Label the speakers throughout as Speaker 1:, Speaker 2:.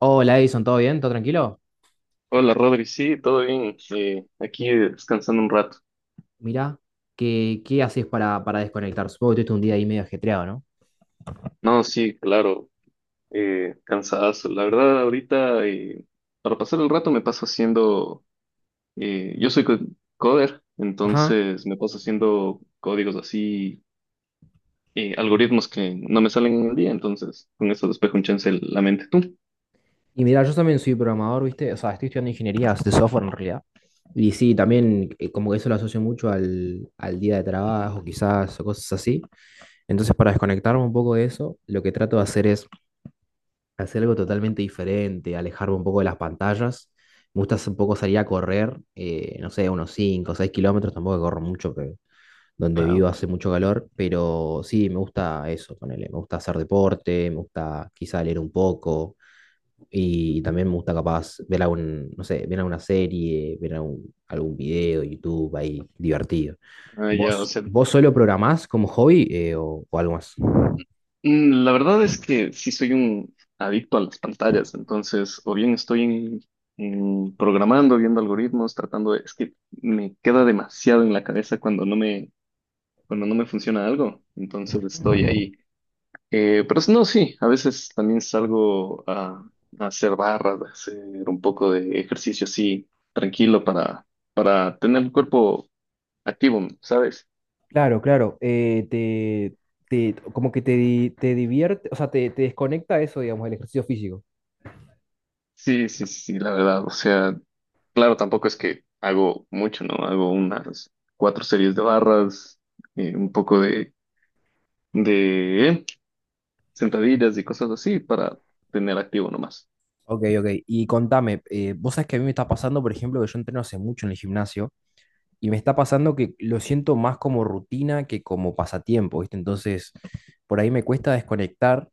Speaker 1: Hola Edison, ¿todo bien? ¿Todo tranquilo?
Speaker 2: Hola Rodri, sí, todo bien. Aquí descansando un rato.
Speaker 1: Mirá, ¿qué haces para desconectar? Supongo que tuviste un día ahí medio ajetreado, ¿no?
Speaker 2: No, sí, claro, cansadazo. La verdad, ahorita, para pasar el rato me paso haciendo, yo soy coder,
Speaker 1: Ajá.
Speaker 2: entonces me paso haciendo códigos así, algoritmos que no me salen en el día, entonces con eso despejo un chance la mente. ¿Tú?
Speaker 1: Y mirá, yo también soy programador, ¿viste? O sea, estoy estudiando ingeniería de software en realidad. Y sí, también como que eso lo asocio mucho al día de trabajo, quizás, o cosas así. Entonces, para desconectarme un poco de eso, lo que trato de hacer es hacer algo totalmente diferente, alejarme un poco de las pantallas. Me gusta un poco salir a correr, no sé, unos 5 o 6 kilómetros, tampoco corro mucho, pero donde vivo
Speaker 2: Claro.
Speaker 1: hace mucho calor, pero sí, me gusta eso, ponele, me gusta hacer deporte, me gusta quizá leer un poco y también me gusta capaz ver algún, no sé, ver alguna serie, ver algún video, YouTube ahí divertido.
Speaker 2: Ah, ya, o
Speaker 1: ¿Vos,
Speaker 2: sea,
Speaker 1: vos solo programás como hobby o algo más?
Speaker 2: Mm, la verdad es que sí soy un adicto a las pantallas, entonces o bien estoy en programando, viendo algoritmos, tratando de, es que me queda demasiado en la cabeza cuando no me funciona algo, entonces estoy ahí. Pero no, sí, a veces también a hacer barras, a hacer un poco de ejercicio así, para tener el cuerpo activo, ¿sabes?
Speaker 1: Claro, claro. Como que te, te divierte, o sea, te desconecta eso, digamos, el ejercicio físico.
Speaker 2: Sí, sí, sí, la verdad, o sea. Claro, tampoco es que hago mucho, ¿no? Hago unas cuatro series de barras, un poco de sentadillas y cosas así para tener activo nomás.
Speaker 1: Ok, ok. Y contame, vos sabés que a mí me está pasando, por ejemplo, que yo entreno hace mucho en el gimnasio. Y me está pasando que lo siento más como rutina que como pasatiempo, ¿viste? Entonces, por ahí me cuesta desconectar.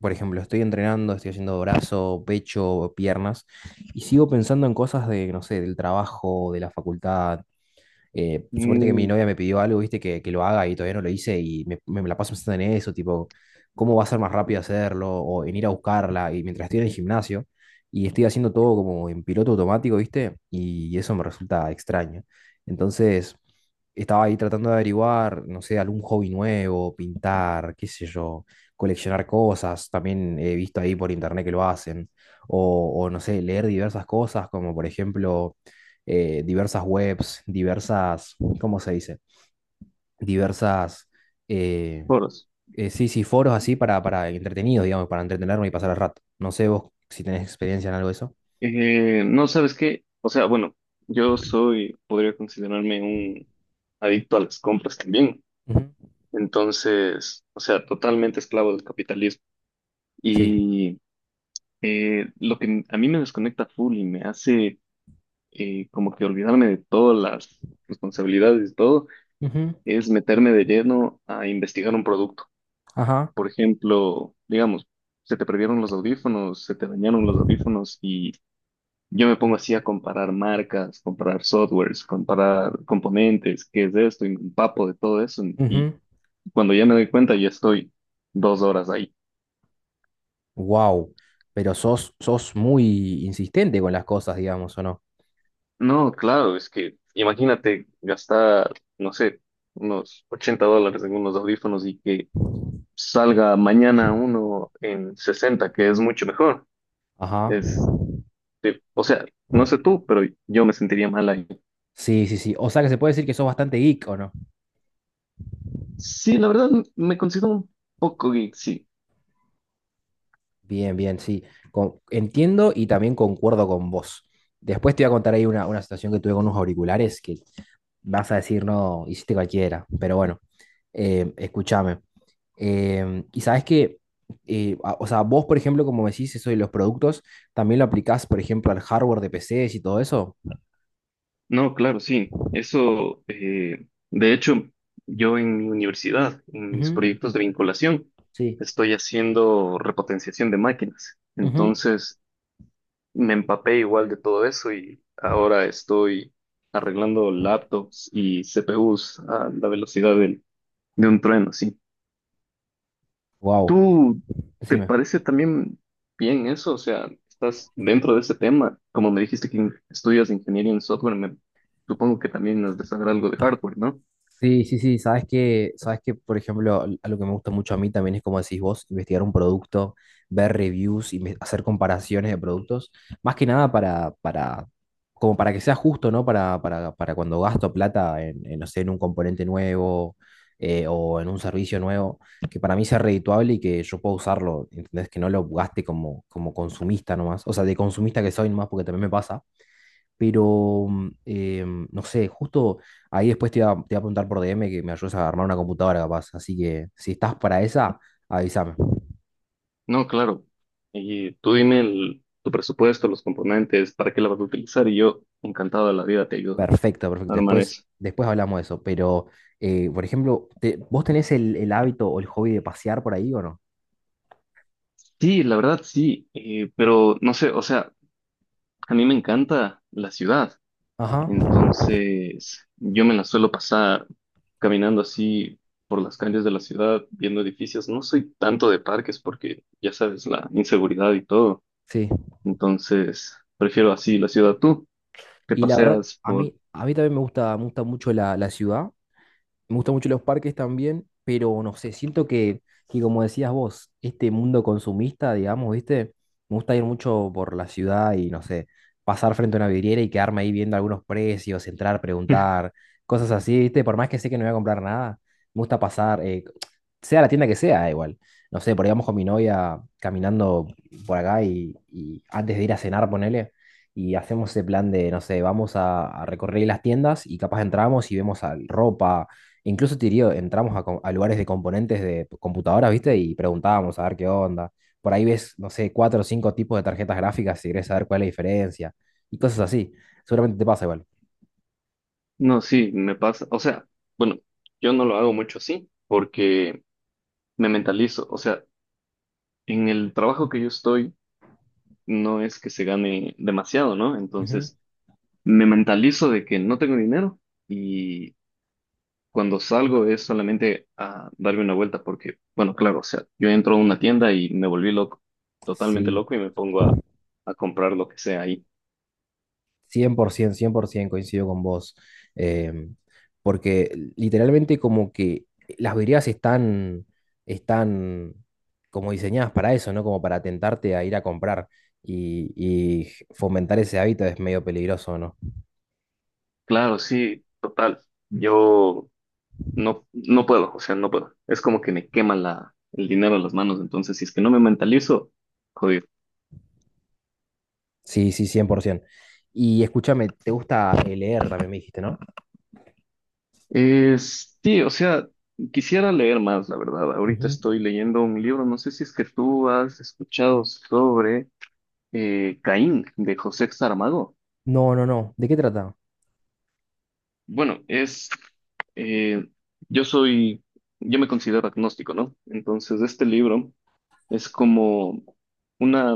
Speaker 1: Por ejemplo, estoy entrenando, estoy haciendo brazo, pecho, piernas, y sigo pensando en cosas de, no sé, del trabajo, de la facultad, suponete que mi
Speaker 2: Mm,
Speaker 1: novia me pidió algo, viste, que lo haga y todavía no lo hice y me la paso pensando en eso, tipo, ¿cómo va a ser más rápido hacerlo? O en ir a buscarla. Y mientras estoy en el gimnasio y estoy haciendo todo como en piloto automático, viste, y eso me resulta extraño. Entonces, estaba ahí tratando de averiguar, no sé, algún hobby nuevo, pintar, qué sé yo, coleccionar cosas. También he visto ahí por internet que lo hacen. O no sé, leer diversas cosas, como por ejemplo diversas webs, diversas, ¿cómo se dice? Diversas, eh,
Speaker 2: Foros.
Speaker 1: sí, sí, foros así para entretenidos, digamos, para entretenerme y pasar el rato. No sé vos si tenés experiencia en algo de eso.
Speaker 2: No sabes qué, o sea, bueno, yo soy, podría considerarme un adicto a las compras también.
Speaker 1: Ujú.
Speaker 2: Entonces, o sea, totalmente esclavo del capitalismo.
Speaker 1: Sí.
Speaker 2: Y lo que a mí me desconecta full y me hace como que olvidarme de todas las responsabilidades y todo,
Speaker 1: Ujú.
Speaker 2: es meterme de lleno a investigar un producto.
Speaker 1: Ajá.
Speaker 2: Por ejemplo, digamos, se te perdieron los audífonos, se te dañaron los audífonos y yo me pongo así a comparar marcas, comparar softwares, comparar componentes, qué es esto, y me empapo de todo eso y cuando ya me doy cuenta ya estoy 2 horas ahí.
Speaker 1: Wow. Pero sos muy insistente con las cosas, digamos, ¿o no?
Speaker 2: No, claro, es que imagínate gastar, no sé, unos $80 en unos audífonos y que salga mañana uno en 60 que es mucho mejor.
Speaker 1: Ajá.
Speaker 2: Es, o sea, no sé tú, pero yo me sentiría mal ahí.
Speaker 1: Sí, sí, sí. O sea que se puede decir que sos bastante geek, ¿o no?
Speaker 2: Sí, la verdad me considero un poco geek, sí.
Speaker 1: Bien, bien, sí. Entiendo y también concuerdo con vos. Después te voy a contar ahí una situación que tuve con unos auriculares que vas a decir, no, hiciste cualquiera. Pero bueno, escúchame. Y sabes que, o sea, vos, por ejemplo, como me decís eso de los productos, también lo aplicás, por ejemplo, al hardware de PCs y todo eso.
Speaker 2: No, claro, sí. De hecho, yo en mi universidad, en mis
Speaker 1: Ujú.
Speaker 2: proyectos de vinculación,
Speaker 1: Sí.
Speaker 2: estoy haciendo repotenciación de máquinas. Entonces, me empapé igual de todo eso y ahora estoy arreglando laptops y CPUs a la velocidad del, de un trueno, sí.
Speaker 1: Wow.
Speaker 2: ¿Tú te
Speaker 1: Decime.
Speaker 2: parece también bien eso? O sea, estás dentro de ese tema. Como me dijiste que estudias ingeniería en software, me supongo que también has de saber algo de hardware, ¿no?
Speaker 1: Sí, sí, sí, sabes que, por ejemplo, algo que me gusta mucho a mí también es como decís vos, investigar un producto, ver reviews y hacer comparaciones de productos, más que nada como para que sea justo, ¿no? Para cuando gasto plata no sé, en un componente nuevo o en un servicio nuevo, que para mí sea redituable y que yo pueda usarlo, ¿entendés? Que no lo gaste como, como consumista nomás, o sea, de consumista que soy nomás, porque también me pasa pero, no sé, justo ahí después te iba a preguntar por DM que me ayudes a armar una computadora capaz. Así que si estás para esa, avísame.
Speaker 2: No, claro. Y tú dime tu presupuesto, los componentes, para qué la vas a utilizar y yo encantado de la vida te ayudo
Speaker 1: Perfecto, perfecto.
Speaker 2: a armar
Speaker 1: Después,
Speaker 2: eso.
Speaker 1: después hablamos de eso. Pero, por ejemplo, ¿vos tenés el hábito o el hobby de pasear por ahí o no?
Speaker 2: Sí, la verdad sí, pero no sé, o sea, a mí me encanta la ciudad.
Speaker 1: Ajá.
Speaker 2: Entonces, yo me la suelo pasar caminando así por las calles de la ciudad, viendo edificios. No soy tanto de parques porque, ya sabes, la inseguridad y todo.
Speaker 1: Sí.
Speaker 2: Entonces, prefiero así la ciudad. Tú te
Speaker 1: Y la verdad,
Speaker 2: paseas
Speaker 1: a
Speaker 2: por.
Speaker 1: mí, a mí también me gusta mucho la ciudad. Me gustan mucho los parques también, pero no sé, siento que como decías vos, este mundo consumista, digamos, ¿viste? Me gusta ir mucho por la ciudad y no sé, pasar frente a una vidriera y quedarme ahí viendo algunos precios, entrar, preguntar, cosas así, ¿viste? Por más que sé que no voy a comprar nada, me gusta pasar, sea la tienda que sea, igual. No sé, por ahí vamos con mi novia caminando por acá y antes de ir a cenar, ponele. Y hacemos ese plan de, no sé, vamos a recorrer las tiendas y capaz entramos y vemos ropa. Incluso, te diría, entramos a, a lugares de componentes de computadoras, ¿viste? Y preguntábamos a ver qué onda. Por ahí ves, no sé, cuatro o cinco tipos de tarjetas gráficas si querés saber cuál es la diferencia. Y cosas así. Seguramente te pasa igual.
Speaker 2: No, sí, me pasa. O sea, bueno, yo no lo hago mucho así porque me mentalizo. O sea, en el trabajo que yo estoy no es que se gane demasiado, ¿no?
Speaker 1: Ujú.
Speaker 2: Entonces, me mentalizo de que no tengo dinero. Cuando salgo es solamente a darme una vuelta porque, bueno, claro, o sea, yo entro a una tienda y me volví loco, totalmente
Speaker 1: Sí,
Speaker 2: loco y me a comprar lo que sea ahí.
Speaker 1: cien por 100% coincido con vos. Em, Porque literalmente como que las vidrieras están como diseñadas para eso, ¿no? Como para tentarte a ir a comprar y fomentar ese hábito es medio peligroso, ¿no?
Speaker 2: Claro, sí, total. Yo no puedo, o sea, no puedo. Es como que me quema el dinero en las manos, entonces si es que no me mentalizo, jodido.
Speaker 1: Sí, sí, 100%. Y escúchame, ¿te gusta leer también me dijiste, ¿no?
Speaker 2: Sí, o sea, quisiera leer más, la verdad. Ahorita
Speaker 1: Ujú.
Speaker 2: estoy leyendo un libro, no sé si es que tú has escuchado sobre Caín de José Saramago.
Speaker 1: No, no, no. ¿De qué trata?
Speaker 2: Bueno, eh, yo soy, yo me considero agnóstico, ¿no? Entonces, este libro es como una,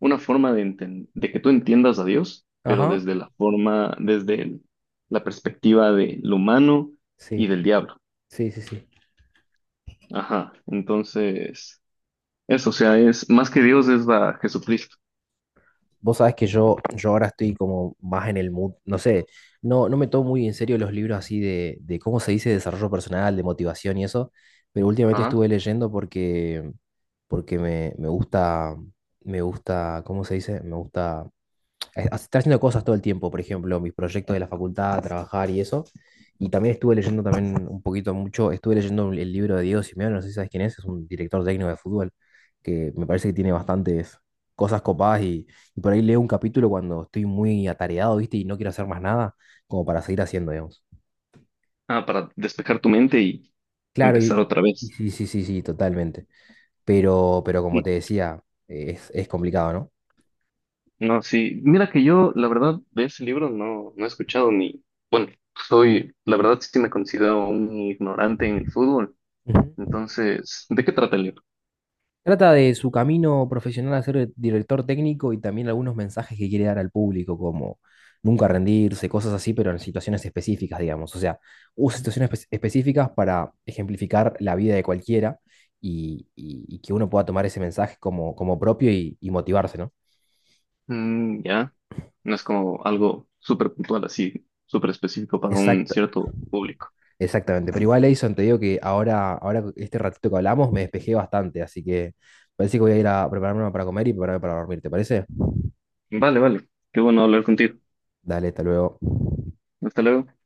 Speaker 2: una forma de, de que tú entiendas a Dios, pero
Speaker 1: Ajá.
Speaker 2: desde la forma, la perspectiva del humano y
Speaker 1: Sí,
Speaker 2: del diablo.
Speaker 1: sí, sí, sí.
Speaker 2: Ajá, entonces, eso, o sea, es más que Dios, es la Jesucristo.
Speaker 1: Vos sabés que yo ahora estoy como más en el mood, no sé, no, no me tomo muy en serio los libros así de cómo se dice desarrollo personal, de motivación y eso, pero últimamente
Speaker 2: Ajá,
Speaker 1: estuve leyendo porque, porque me, me gusta, ¿cómo se dice? Me gusta estar haciendo cosas todo el tiempo, por ejemplo, mis proyectos de la facultad, trabajar y eso. Y también estuve leyendo también un poquito mucho, estuve leyendo el libro de Diego Simeone, no sé si sabes quién es un director técnico de fútbol, que me parece que tiene bastantes cosas copadas y por ahí leo un capítulo cuando estoy muy atareado, ¿viste? Y no quiero hacer más nada, como para seguir haciendo, digamos.
Speaker 2: ah, para despejar tu mente y
Speaker 1: Claro,
Speaker 2: empezar
Speaker 1: y,
Speaker 2: otra
Speaker 1: y
Speaker 2: vez.
Speaker 1: sí, sí, sí, sí, totalmente. Pero como te decía, es complicado, ¿no?
Speaker 2: No, sí. Mira que yo, la verdad, de ese libro no he escuchado ni. Bueno, soy, la verdad, sí me considero un ignorante en el fútbol.
Speaker 1: Ujú.
Speaker 2: Entonces, ¿de qué trata el libro?
Speaker 1: Trata de su camino profesional a ser director técnico y también algunos mensajes que quiere dar al público, como nunca rendirse, cosas así, pero en situaciones específicas, digamos. O sea, usa situaciones específicas para ejemplificar la vida de cualquiera y que uno pueda tomar ese mensaje como, como propio y motivarse, ¿no?
Speaker 2: Mm, ya. No es como algo súper puntual, así, súper específico para un
Speaker 1: exacta
Speaker 2: cierto público.
Speaker 1: Exactamente. Pero igual, Edison, te digo que ahora, ahora, este ratito que hablamos, me despejé bastante, así que parece que voy a ir a prepararme para comer y prepararme para dormir, ¿te parece?
Speaker 2: Vale, vale. Qué bueno hablar contigo.
Speaker 1: Dale, hasta luego.
Speaker 2: Hasta luego.